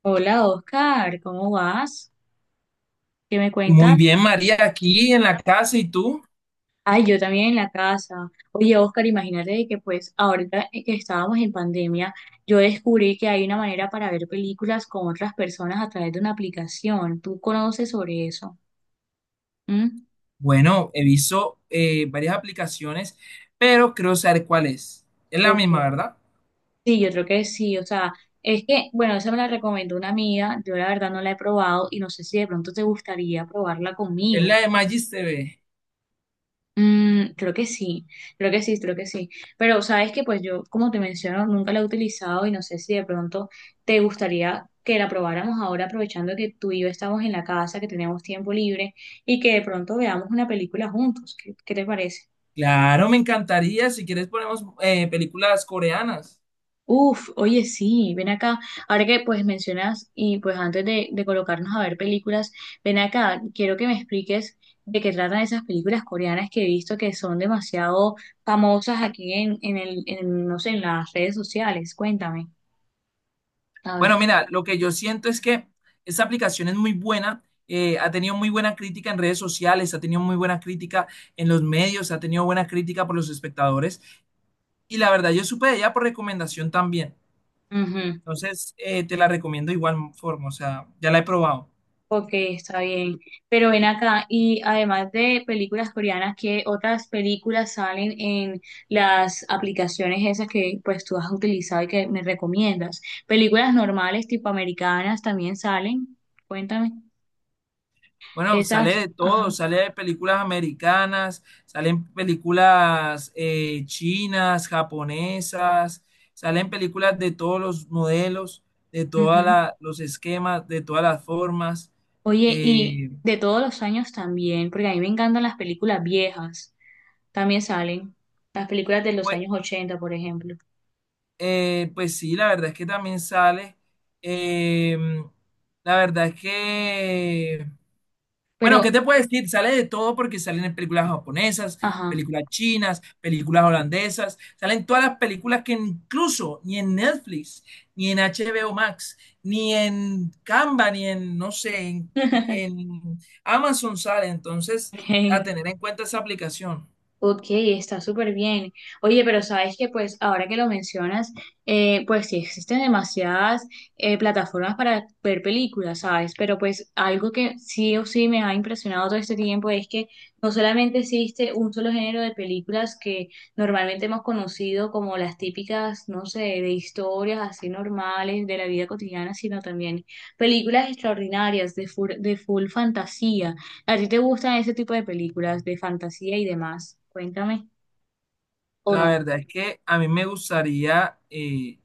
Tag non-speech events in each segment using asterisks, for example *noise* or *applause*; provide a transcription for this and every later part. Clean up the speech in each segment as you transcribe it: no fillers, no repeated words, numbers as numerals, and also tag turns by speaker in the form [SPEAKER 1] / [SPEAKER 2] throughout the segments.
[SPEAKER 1] Hola Oscar, ¿cómo vas? ¿Qué me
[SPEAKER 2] Muy
[SPEAKER 1] cuentas?
[SPEAKER 2] bien, María, aquí en la casa y tú.
[SPEAKER 1] Ay, yo también en la casa. Oye Oscar, imagínate de que pues ahorita que estábamos en pandemia, yo descubrí que hay una manera para ver películas con otras personas a través de una aplicación. ¿Tú conoces sobre eso? ¿Mm?
[SPEAKER 2] Bueno, he visto varias aplicaciones, pero creo saber cuál es. Es la
[SPEAKER 1] Ok.
[SPEAKER 2] misma, ¿verdad?
[SPEAKER 1] Sí, yo creo que sí. O sea, es que, bueno, esa me la recomendó una amiga. Yo la verdad no la he probado y no sé si de pronto te gustaría probarla
[SPEAKER 2] Es
[SPEAKER 1] conmigo.
[SPEAKER 2] la de Magis TV.
[SPEAKER 1] Creo que sí, creo que sí, creo que sí. Pero sabes que pues yo, como te menciono, nunca la he utilizado y no sé si de pronto te gustaría que la probáramos ahora aprovechando que tú y yo estamos en la casa, que tenemos tiempo libre y que de pronto veamos una película juntos. ¿Qué te parece?
[SPEAKER 2] Claro, me encantaría. Si quieres, ponemos películas coreanas.
[SPEAKER 1] Uf, oye, sí, ven acá. Ahora que pues mencionas y pues antes de colocarnos a ver películas, ven acá, quiero que me expliques de qué tratan esas películas coreanas que he visto que son demasiado famosas aquí, no sé, en las redes sociales. Cuéntame. A ver.
[SPEAKER 2] Bueno, mira, lo que yo siento es que esta aplicación es muy buena. Ha tenido muy buena crítica en redes sociales, ha tenido muy buena crítica en los medios, ha tenido buena crítica por los espectadores. Y la verdad, yo supe de ella por recomendación también. Entonces, te la recomiendo de igual forma, o sea, ya la he probado.
[SPEAKER 1] Ok, está bien. Pero ven acá, y además de películas coreanas, ¿qué otras películas salen en las aplicaciones esas que pues tú has utilizado y que me recomiendas? Películas normales tipo americanas también salen. Cuéntame.
[SPEAKER 2] Bueno, sale
[SPEAKER 1] Esas,
[SPEAKER 2] de
[SPEAKER 1] ajá.
[SPEAKER 2] todo, sale de películas americanas, salen películas chinas, japonesas, salen películas de todos los modelos, de todos
[SPEAKER 1] Ujú.
[SPEAKER 2] los esquemas, de todas las formas.
[SPEAKER 1] Oye, y
[SPEAKER 2] Eh,
[SPEAKER 1] de todos los años también, porque a mí me encantan las películas viejas, también salen. Las películas de los
[SPEAKER 2] pues,
[SPEAKER 1] años ochenta, por ejemplo.
[SPEAKER 2] pues sí, la verdad es que también sale. Eh, la verdad es que
[SPEAKER 1] Pero,
[SPEAKER 2] Bueno, ¿qué te puedo decir? Sale de todo porque salen en películas japonesas,
[SPEAKER 1] ajá.
[SPEAKER 2] películas chinas, películas holandesas, salen todas las películas que incluso ni en Netflix, ni en HBO Max, ni en Canva, ni en, no sé,
[SPEAKER 1] *laughs*
[SPEAKER 2] en Amazon sale. Entonces, a
[SPEAKER 1] Ok.
[SPEAKER 2] tener en cuenta esa aplicación.
[SPEAKER 1] Ok, está súper bien. Oye, pero sabes que pues ahora que lo mencionas, pues sí existen demasiadas plataformas para ver películas, ¿sabes? Pero pues algo que sí o sí me ha impresionado todo este tiempo es que no solamente existe un solo género de películas que normalmente hemos conocido como las típicas, no sé, de historias así normales de la vida cotidiana, sino también películas extraordinarias de full fantasía. ¿A ti te gustan ese tipo de películas de fantasía y demás? Cuéntame. ¿O
[SPEAKER 2] La
[SPEAKER 1] no?
[SPEAKER 2] verdad es que a mí me gustaría,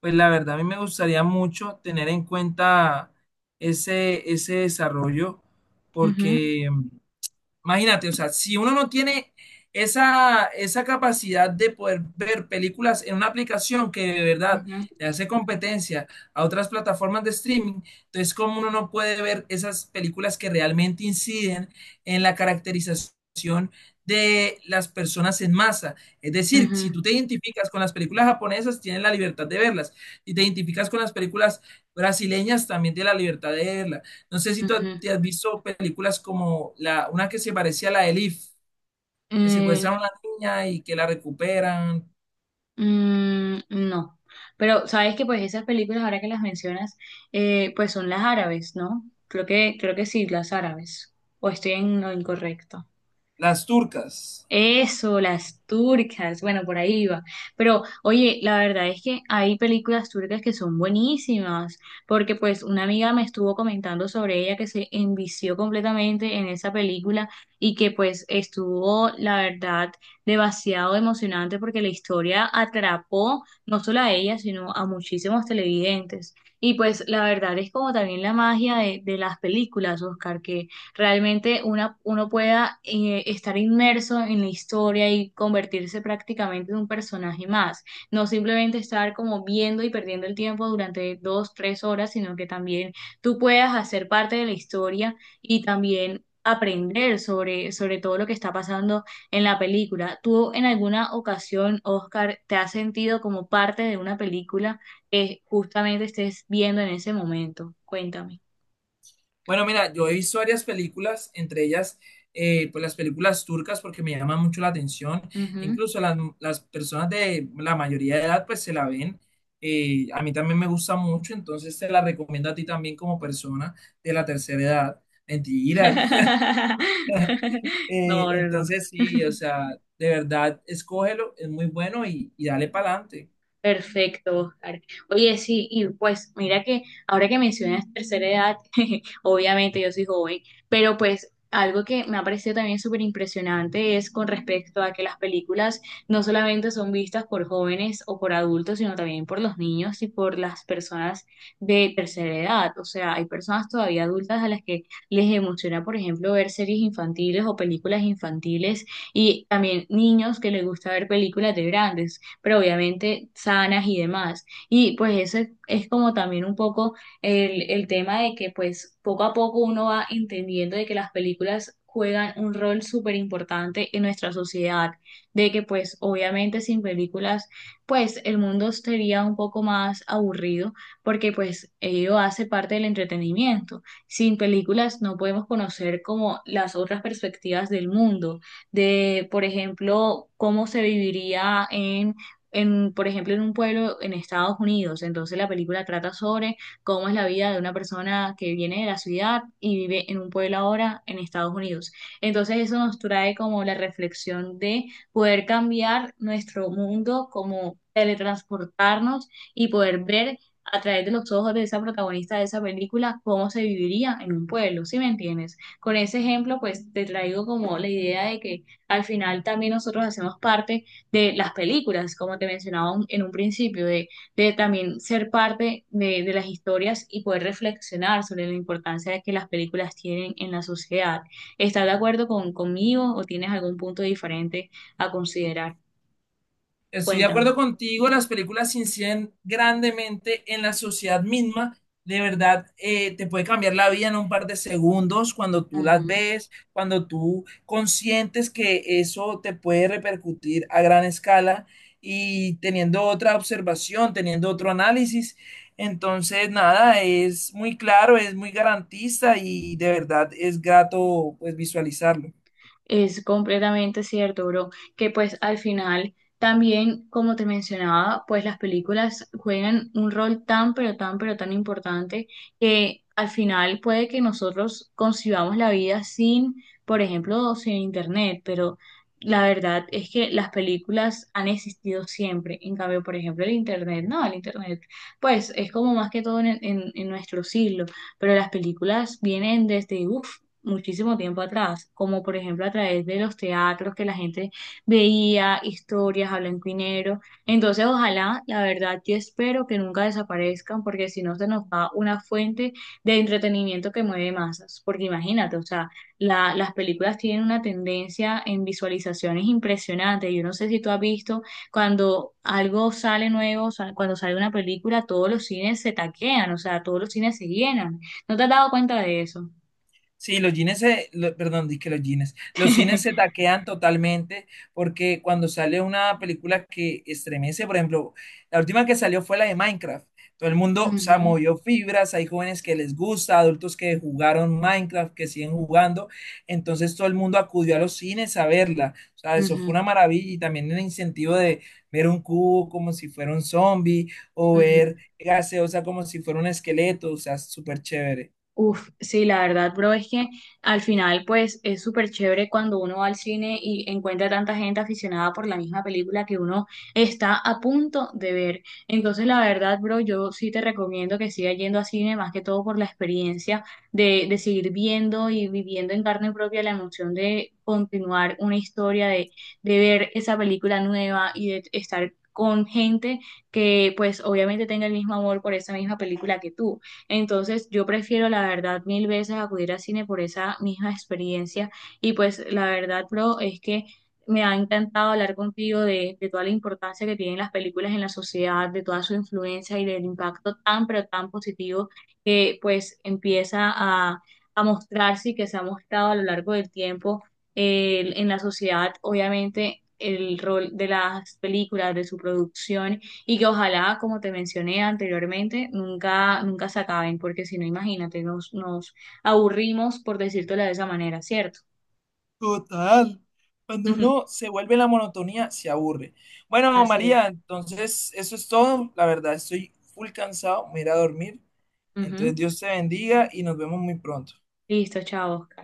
[SPEAKER 2] pues la verdad, a mí me gustaría mucho tener en cuenta ese desarrollo
[SPEAKER 1] Ujú,
[SPEAKER 2] porque... Imagínate, o sea, si uno no tiene esa capacidad de poder ver películas en una aplicación que de verdad
[SPEAKER 1] ujú,
[SPEAKER 2] le hace competencia a otras plataformas de streaming, entonces cómo uno no puede ver esas películas que realmente inciden en la caracterización de las personas en masa. Es decir, si
[SPEAKER 1] ujú,
[SPEAKER 2] tú te identificas con las películas japonesas, tienes la libertad de verlas. Si te identificas con las películas brasileñas, también tienes la libertad de verlas. No sé si
[SPEAKER 1] ujú.
[SPEAKER 2] te has visto películas como una que se parecía a la de Elif, que
[SPEAKER 1] Mm,
[SPEAKER 2] secuestraron a la niña y que la recuperan,
[SPEAKER 1] mm, no. Pero sabes que pues esas películas, ahora que las mencionas, pues son las árabes, ¿no? Creo que sí, las árabes. ¿O estoy en lo incorrecto?
[SPEAKER 2] las turcas.
[SPEAKER 1] Eso, las turcas, bueno, por ahí iba. Pero, oye, la verdad es que hay películas turcas que son buenísimas, porque pues una amiga me estuvo comentando sobre ella que se envició completamente en esa película y que pues estuvo, la verdad, demasiado emocionante porque la historia atrapó no solo a ella, sino a muchísimos televidentes. Y pues la verdad es como también la magia de las películas, Oscar, realmente una, uno pueda estar inmerso en la historia y convertirse prácticamente en un personaje más. No simplemente estar como viendo y perdiendo el tiempo durante dos, tres horas, sino que también tú puedas hacer parte de la historia y también aprender sobre todo lo que está pasando en la película. ¿Tú en alguna ocasión, Oscar, te has sentido como parte de una película que justamente estés viendo en ese momento? Cuéntame.
[SPEAKER 2] Bueno, mira, yo he visto varias películas, entre ellas, pues las películas turcas, porque me llaman mucho la atención.
[SPEAKER 1] Ujú.
[SPEAKER 2] Incluso las personas de la mayoría de edad, pues se la ven. A mí también me gusta mucho, entonces te la recomiendo a ti también como persona de la tercera edad. Mentira.
[SPEAKER 1] *laughs*
[SPEAKER 2] *laughs*
[SPEAKER 1] No, no,
[SPEAKER 2] Entonces
[SPEAKER 1] no.
[SPEAKER 2] sí, o
[SPEAKER 1] *laughs*
[SPEAKER 2] sea, de verdad, escógelo, es muy bueno y dale para adelante.
[SPEAKER 1] Perfecto, Oscar. Oye, sí, y pues mira que ahora que mencionas tercera edad, *laughs* obviamente yo soy joven, pero pues algo que me ha parecido también súper impresionante es con respecto a que las películas no solamente son vistas por jóvenes o por adultos, sino también por los niños y por las personas de tercera edad. O sea, hay personas todavía adultas a las que les emociona, por ejemplo, ver series infantiles o películas infantiles y también niños que les gusta ver películas de grandes pero obviamente sanas y demás. Y pues eso es como también un poco el tema de que pues poco a poco uno va entendiendo de que las películas juegan un rol súper importante en nuestra sociedad, de que pues obviamente sin películas pues el mundo sería un poco más aburrido porque pues ello hace parte del entretenimiento. Sin películas no podemos conocer como las otras perspectivas del mundo, de por ejemplo cómo se viviría en, por ejemplo, en un pueblo en Estados Unidos. Entonces la película trata sobre cómo es la vida de una persona que viene de la ciudad y vive en un pueblo ahora en Estados Unidos. Entonces eso nos trae como la reflexión de poder cambiar nuestro mundo, como teletransportarnos y poder ver a través de los ojos de esa protagonista de esa película cómo se viviría en un pueblo, ¿sí me entiendes? Con ese ejemplo, pues te traigo como la idea de que al final también nosotros hacemos parte de las películas, como te mencionaba en un principio, de también ser parte de las historias y poder reflexionar sobre la importancia que las películas tienen en la sociedad. ¿Estás de acuerdo conmigo o tienes algún punto diferente a considerar?
[SPEAKER 2] Estoy de
[SPEAKER 1] Cuéntame.
[SPEAKER 2] acuerdo contigo, las películas inciden grandemente en la sociedad misma. De verdad, te puede cambiar la vida en un par de segundos cuando tú las ves, cuando tú consientes que eso te puede repercutir a gran escala y teniendo otra observación, teniendo otro análisis. Entonces, nada, es muy claro, es muy garantista y de verdad es grato pues visualizarlo.
[SPEAKER 1] Es completamente cierto, bro, que pues al final también, como te mencionaba, pues las películas juegan un rol tan, pero tan, pero tan importante que al final puede que nosotros concibamos la vida sin, por ejemplo, sin internet, pero la verdad es que las películas han existido siempre. En cambio, por ejemplo, el internet, no, el internet, pues es como más que todo en nuestro siglo, pero las películas vienen desde, uff, muchísimo tiempo atrás, como por ejemplo a través de los teatros que la gente veía, historias a blanco y negro. Entonces, ojalá, la verdad, yo espero que nunca desaparezcan, porque si no se nos va una fuente de entretenimiento que mueve masas. Porque imagínate, o sea, las películas tienen una tendencia en visualizaciones impresionante. Yo no sé si tú has visto cuando algo sale nuevo, o sea, cuando sale una película, todos los cines se taquean, o sea, todos los cines se llenan. ¿No te has dado cuenta de eso?
[SPEAKER 2] Sí, los jeans se, lo- perdón, dije los jeans. Los cines se
[SPEAKER 1] *laughs*
[SPEAKER 2] taquean totalmente porque cuando sale una película que estremece, por ejemplo, la última que salió fue la de Minecraft. Todo el mundo se
[SPEAKER 1] Ujú,
[SPEAKER 2] movió fibras, hay jóvenes que les gusta, adultos que jugaron Minecraft, que siguen jugando. Entonces todo el mundo acudió a los cines a verla. O sea, eso fue
[SPEAKER 1] ujú,
[SPEAKER 2] una maravilla y también el incentivo de ver un cubo como si fuera un zombie o
[SPEAKER 1] ujú.
[SPEAKER 2] ver gaseosa como si fuera un esqueleto. O sea, súper chévere.
[SPEAKER 1] Uf, sí, la verdad, bro, es que al final, pues, es súper chévere cuando uno va al cine y encuentra tanta gente aficionada por la misma película que uno está a punto de ver. Entonces, la verdad, bro, yo sí te recomiendo que sigas yendo a cine, más que todo por la experiencia de seguir viendo y viviendo en carne propia la emoción de continuar una historia, de ver esa película nueva y de estar con gente que, pues, obviamente tenga el mismo amor por esa misma película que tú. Entonces, yo prefiero la verdad mil veces acudir al cine por esa misma experiencia. Y pues la verdad, bro, es que me ha encantado hablar contigo de toda la importancia que tienen las películas en la sociedad, de toda su influencia y del impacto tan, pero tan positivo que pues empieza a mostrarse y que se ha mostrado a lo largo del tiempo en la sociedad, obviamente, el rol de las películas, de su producción y que ojalá, como te mencioné anteriormente, nunca, nunca se acaben, porque si no, imagínate, nos aburrimos por decírtelo de esa manera, ¿cierto?
[SPEAKER 2] Total.
[SPEAKER 1] *laughs*
[SPEAKER 2] Cuando
[SPEAKER 1] Ujú.
[SPEAKER 2] uno se vuelve en la monotonía, se aburre. Bueno,
[SPEAKER 1] Así
[SPEAKER 2] María,
[SPEAKER 1] es.
[SPEAKER 2] entonces eso es todo. La verdad, estoy full cansado. Me iré a dormir.
[SPEAKER 1] Ujú.
[SPEAKER 2] Entonces, Dios te bendiga y nos vemos muy pronto.
[SPEAKER 1] Listo, chao, Oscar.